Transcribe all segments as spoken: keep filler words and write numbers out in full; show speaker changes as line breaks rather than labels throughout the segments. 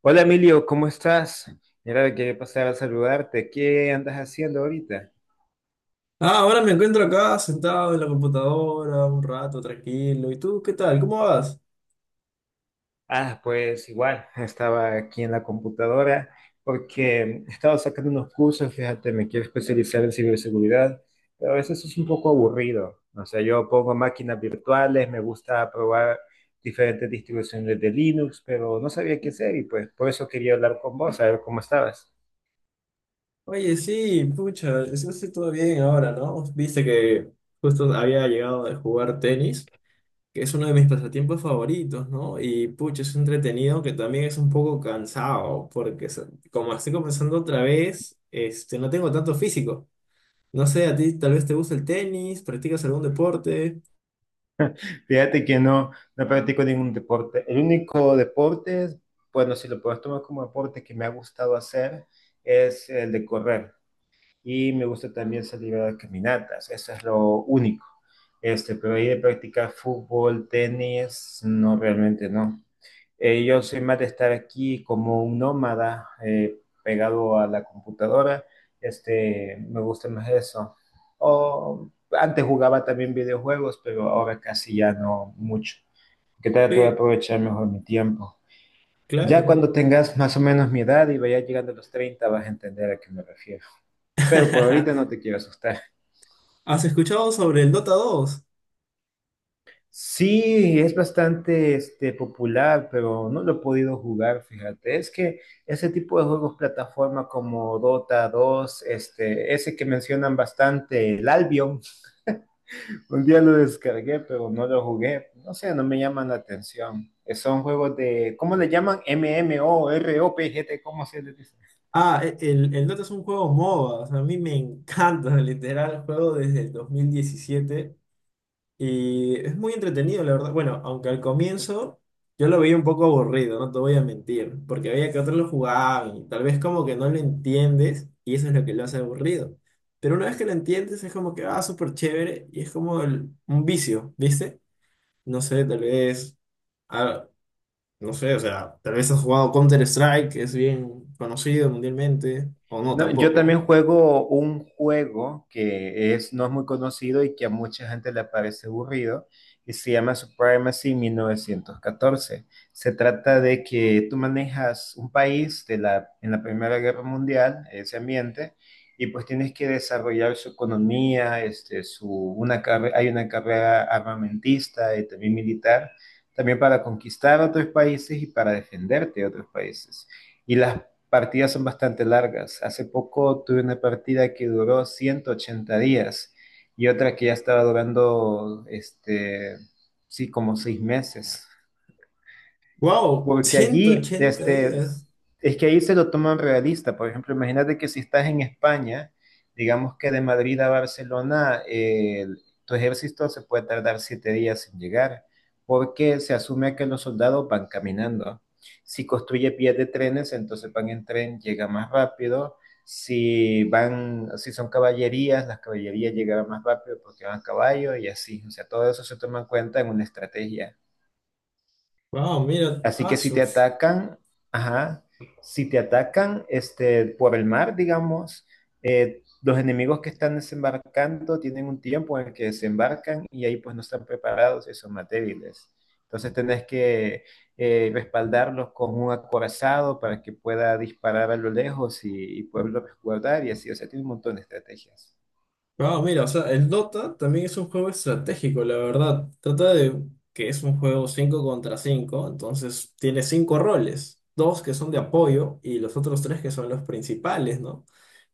Hola Emilio, ¿cómo estás? Mira, quería pasar a saludarte. ¿Qué andas haciendo ahorita?
Ah, ahora me encuentro acá sentado en la computadora un rato tranquilo. ¿Y tú qué tal? ¿Cómo vas?
Ah, pues igual, estaba aquí en la computadora porque estaba sacando unos cursos, fíjate, me quiero especializar en ciberseguridad, pero a veces es un poco aburrido. O sea, yo pongo máquinas virtuales, me gusta probar diferentes distribuciones de Linux, pero no sabía qué hacer y pues por eso quería hablar con vos, a ver cómo estabas.
Oye, sí, pucha, es- es todo bien ahora, ¿no? Viste que justo había llegado de jugar tenis, que es uno de mis pasatiempos favoritos, ¿no? Y pucha, es entretenido, que también es un poco cansado, porque se- como estoy comenzando otra vez, este, no tengo tanto físico. No sé, a ti tal vez te gusta el tenis, practicas algún deporte.
Fíjate que no, no practico ningún deporte. El único deporte, bueno, si lo puedes tomar como deporte que me ha gustado hacer, es el de correr. Y me gusta también salir a dar caminatas. Eso es lo único. Este, pero ahí de practicar fútbol, tenis, no, realmente no. Eh, yo soy más de estar aquí como un nómada eh, pegado a la computadora. Este, me gusta más eso. O, antes jugaba también videojuegos, pero ahora casi ya no mucho. Que trato de
Sí,
aprovechar mejor mi tiempo. Ya
claro.
cuando tengas más o menos mi edad y vayas llegando a los treinta vas a entender a qué me refiero. Pero por ahorita no te quiero asustar.
¿Has escuchado sobre el Dota dos?
Sí, es bastante este, popular, pero no lo he podido jugar, fíjate. Es que ese tipo de juegos plataforma como Dota dos, este, ese que mencionan bastante, el Albion, un día lo descargué, pero no lo jugué. No sé, no me llaman la atención. Eh, Son juegos de, ¿cómo le llaman? MMORPG, ¿cómo se les dice?
Ah, e- el, el Dota es un juego MOBA, o sea, a mí me encanta, literal, juego desde el dos mil diecisiete y es muy entretenido, la verdad. Bueno, aunque al comienzo yo lo veía un poco aburrido, no te voy a mentir, porque veía que otros lo jugaban y tal vez como que no lo entiendes y eso es lo que lo hace aburrido. Pero una vez que lo entiendes es como que, ah, súper chévere y es como el- un vicio, ¿viste? No sé, tal vez... ah, no sé, o sea, tal vez has jugado Counter-Strike, que es bien conocido mundialmente, o no
No, yo
tampoco.
también juego un juego que es, no es muy conocido y que a mucha gente le parece aburrido y se llama Supremacy mil novecientos catorce. Se trata de que tú manejas un país de la, en la Primera Guerra Mundial, ese ambiente, y pues tienes que desarrollar su economía, este, su, una carre- hay una carrera armamentista y también militar, también para conquistar otros países y para defenderte de otros países y las partidas son bastante largas. Hace poco tuve una partida que duró ciento ochenta días y otra que ya estaba durando, este, sí, como seis meses.
¡Wow!
Porque
ciento
allí,
ochenta
este,
días.
es que ahí se lo toman realista. Por ejemplo, imagínate que si estás en España, digamos que de Madrid a Barcelona, eh, tu ejército se puede tardar siete días en llegar, porque se asume que los soldados van caminando. Si construye vías de trenes, entonces van en tren, llega más rápido. Si van, si son caballerías, las caballerías llegarán más rápido porque van a caballo y así. O sea, todo eso se toma en cuenta en una estrategia.
¡Wow! Mira,
Así que si te
Asus.
atacan, ajá, si te atacan este, por el mar, digamos, eh, los enemigos que están desembarcando tienen un tiempo en el que desembarcan y ahí pues no están preparados y son más débiles. Entonces tenés que eh, respaldarlos con un acorazado para que pueda disparar a lo lejos y, y poderlo resguardar y así, o sea, tiene un montón de estrategias.
¡Wow! Mira, o sea, el Dota también es un juego estratégico, la verdad. Trata de que es un juego cinco contra cinco, entonces tiene cinco roles. Dos que son de apoyo y los otros tres que son los principales, ¿no?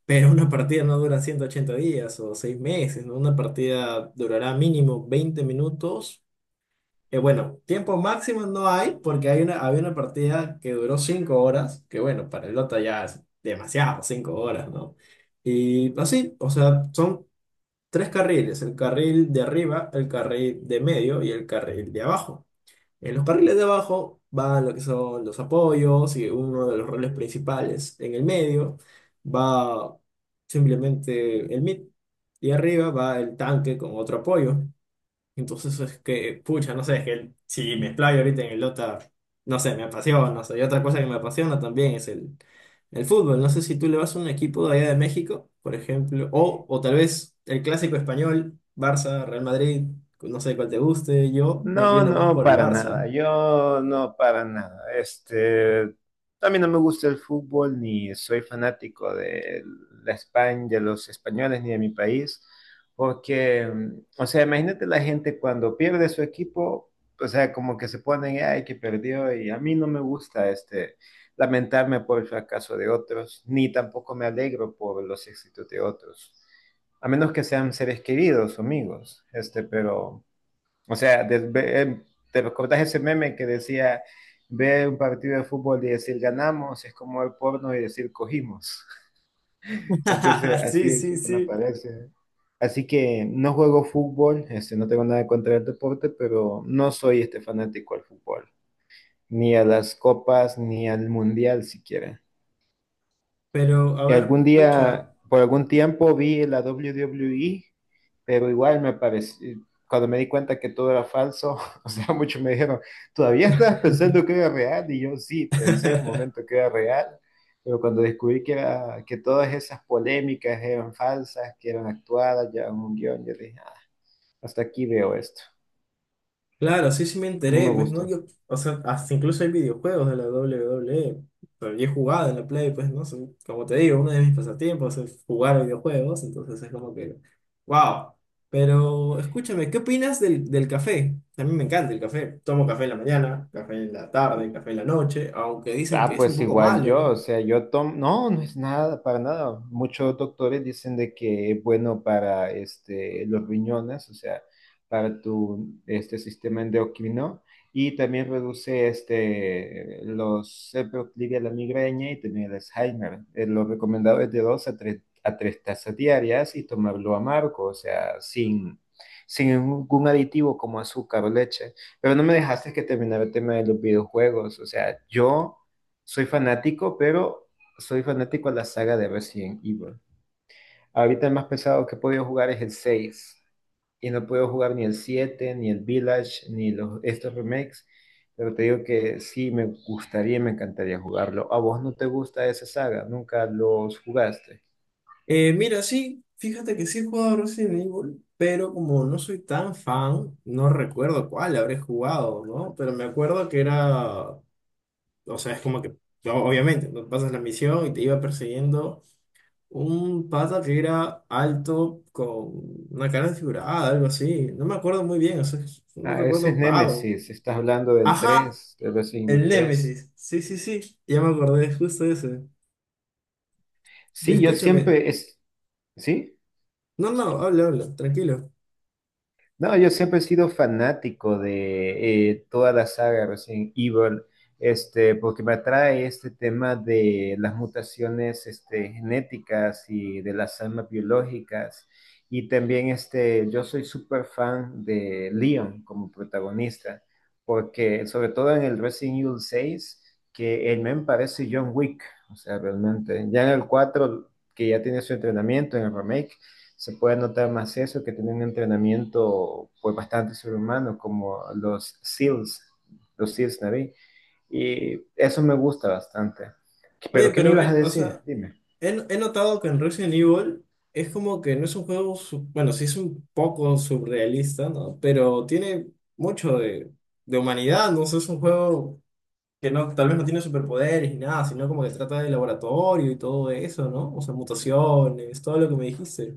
Pero una partida no dura ciento ochenta días o seis meses, ¿no? Una partida durará mínimo veinte minutos. Eh, bueno, tiempo máximo no hay, porque hay una, había una partida que duró cinco horas, que bueno, para el otro ya es demasiado, cinco horas, ¿no? Y así, o sea, son tres carriles, el carril de arriba, el carril de medio y el carril de abajo. En los carriles de abajo van lo que son los apoyos y uno de los roles principales. En el medio va simplemente el mid y arriba va el tanque con otro apoyo. Entonces es que, pucha, no sé, es que el- si me explayo ahorita en el Dota, no sé, me apasiona, no sé, y otra cosa que me apasiona también es el, el fútbol. No sé si tú le vas a un equipo de allá de México, por ejemplo, o, o tal vez el clásico español, Barça, Real Madrid, no sé cuál te guste, yo me
No,
inclino más
no,
por el
para nada.
Barça.
Yo no, para nada. Este, también no me gusta el fútbol, ni soy fanático de la España, de los españoles, ni de mi país, porque, mm, o sea, imagínate la gente cuando pierde su equipo, o sea, como que se ponen, ay, que perdió, y a mí no me gusta, este, lamentarme por el fracaso de otros, ni tampoco me alegro por los éxitos de otros a menos que sean seres queridos o amigos, este, pero o sea, de, te recordás ese meme que decía ver un partido de fútbol y decir ganamos es como ver porno y decir cogimos. Entonces, así
Sí,
de
sí,
chico me
sí.
parece. Así que no juego fútbol, este, no tengo nada contra el deporte, pero no soy este fanático al fútbol, ni a las copas, ni al mundial siquiera.
Pero, a
Y
ver,
algún
pucha.
día, por algún tiempo vi la doble u doble u e, pero igual me pareció, cuando me di cuenta que todo era falso, o sea, muchos me dijeron, ¿todavía estabas pensando que era real? Y yo sí, pensé en un momento que era real, pero cuando descubrí que, era, que todas esas polémicas eran falsas, que eran actuadas, ya en un guión, yo dije, "Ah, hasta aquí veo esto,
Claro, sí, sí me
no
enteré,
me
pues no,
gusta".
yo, o sea, hasta incluso hay videojuegos de la doble u doble u e, pero yo he jugado en la Play, pues no, Son- como te digo, uno de mis pasatiempos es jugar videojuegos, entonces es como que, wow, pero escúchame, ¿qué opinas del, del café? A mí me encanta el café, tomo café en la mañana, café en la tarde, café en la noche, aunque dicen
Ah,
que es un
pues
poco
igual
malo,
yo, o
¿no?
sea, yo tomo, no, no es nada, para nada. Muchos doctores dicen de que es bueno para este, los riñones, o sea, para tu este, sistema endocrino y también reduce este, los, se proclive a la migraña y también el Alzheimer. Eh, lo recomendado es de dos a tres, a tres tazas diarias y tomarlo amargo, o sea, sin, sin ningún aditivo como azúcar o leche. Pero no me dejaste que terminara el tema de los videojuegos, o sea, yo... Soy fanático, pero soy fanático a la saga de Resident Evil. Ahorita el más pesado que he podido jugar es el seis. Y no puedo jugar ni el siete, ni el Village, ni los, estos remakes. Pero te digo que sí, me gustaría y me encantaría jugarlo. ¿A vos no te gusta esa saga? ¿Nunca los jugaste?
Eh, mira, sí, fíjate que sí he jugado Resident Evil, pero como no soy tan fan, no recuerdo cuál habré jugado, ¿no? Pero me acuerdo que era, o sea, es como que, o- obviamente, ¿no?, pasas la misión y te iba persiguiendo un pata que era alto con una cara desfigurada, algo así. No me acuerdo muy bien, o sea, es un
Ah, ese
recuerdo
es
vago.
Nemesis. ¿Estás hablando del
Ajá,
tres, del Resident Evil
el
tres?
Némesis. Sí, sí, sí, ya me acordé, es justo ese.
Sí, yo
Escúchame.
siempre es... ¿Sí?
No, no, habla, habla, tranquilo.
No, yo siempre he sido fanático de eh, toda la saga Resident Evil, este, porque me atrae este tema de las mutaciones este, genéticas y de las armas biológicas. Y también este, yo soy súper fan de Leon como protagonista, porque sobre todo en el Resident Evil seis, que el men parece John Wick, o sea, realmente. Ya en el cuatro, que ya tiene su entrenamiento en el remake se puede notar más eso que tienen un entrenamiento pues bastante sobrehumano como los S E A Ls, los S E A Ls Navy. Y eso me gusta bastante.
Oye,
¿Pero qué me
pero,
ibas a
eh, o
decir?
sea...
Dime.
He, he notado que en Resident Evil es como que no es un juego, su- bueno, sí es un poco surrealista, ¿no? Pero tiene mucho de, de humanidad, ¿no? O sea, es un juego que no, tal vez no tiene superpoderes ni nada, sino como que trata de laboratorio y todo eso, ¿no? O sea, mutaciones, todo lo que me dijiste.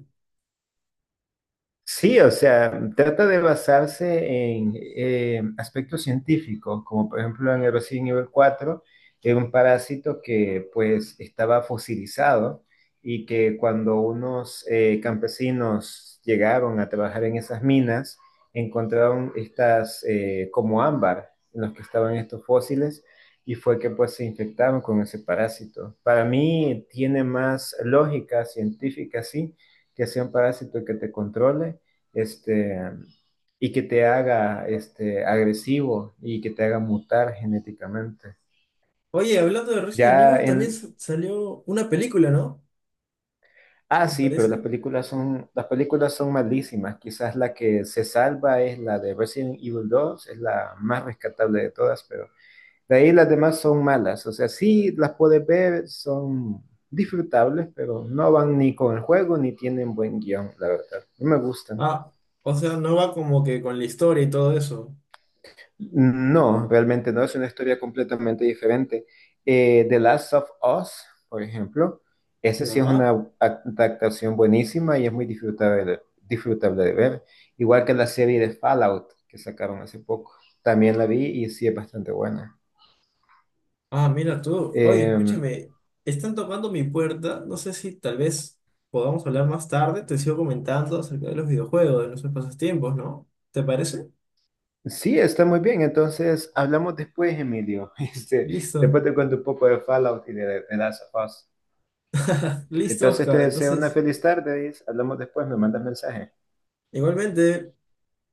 Sí, o sea, trata de basarse en eh, aspectos científicos, como por ejemplo en el Resident nivel cuatro, era un parásito que pues estaba fosilizado y que cuando unos eh, campesinos llegaron a trabajar en esas minas, encontraron estas eh, como ámbar en los que estaban estos fósiles y fue que pues se infectaron con ese parásito. Para mí tiene más lógica científica, sí que sea un parásito que te controle este, y que te haga este, agresivo y que te haga mutar genéticamente.
Oye, hablando de Resident
Ya
Evil, también
en...
s- salió una película, ¿no?
Ah,
Me
sí, pero las
parece.
películas son, las películas son malísimas. Quizás la que se salva es la de Resident Evil dos, es la más rescatable de todas, pero de ahí las demás son malas. O sea, sí las puedes ver, son disfrutables, pero no van ni con el juego ni tienen buen guión, la verdad. No me gustan.
Ah, o sea, no va como que con la historia y todo eso.
No, realmente no, es una historia completamente diferente. Eh, The Last of Us, por ejemplo, ese sí es una
Ya.
adaptación buenísima y es muy disfrutable, de- disfrutable de ver. Igual que la serie de Fallout que sacaron hace poco, también la vi y sí es bastante buena.
Ah, mira tú. Oye,
Eh,
escúchame, están tocando mi puerta. No sé si tal vez podamos hablar más tarde. Te sigo comentando acerca de los videojuegos, de nuestros pasatiempos, ¿no? ¿Te parece?
sí, está muy bien, entonces hablamos después, Emilio. Este, después
Listo.
te cuento un poco de Fallout y de The Last of Us.
Listo,
Entonces te
Oscar.
deseo una
Entonces,
feliz tarde y hablamos después, me mandas mensaje.
igualmente.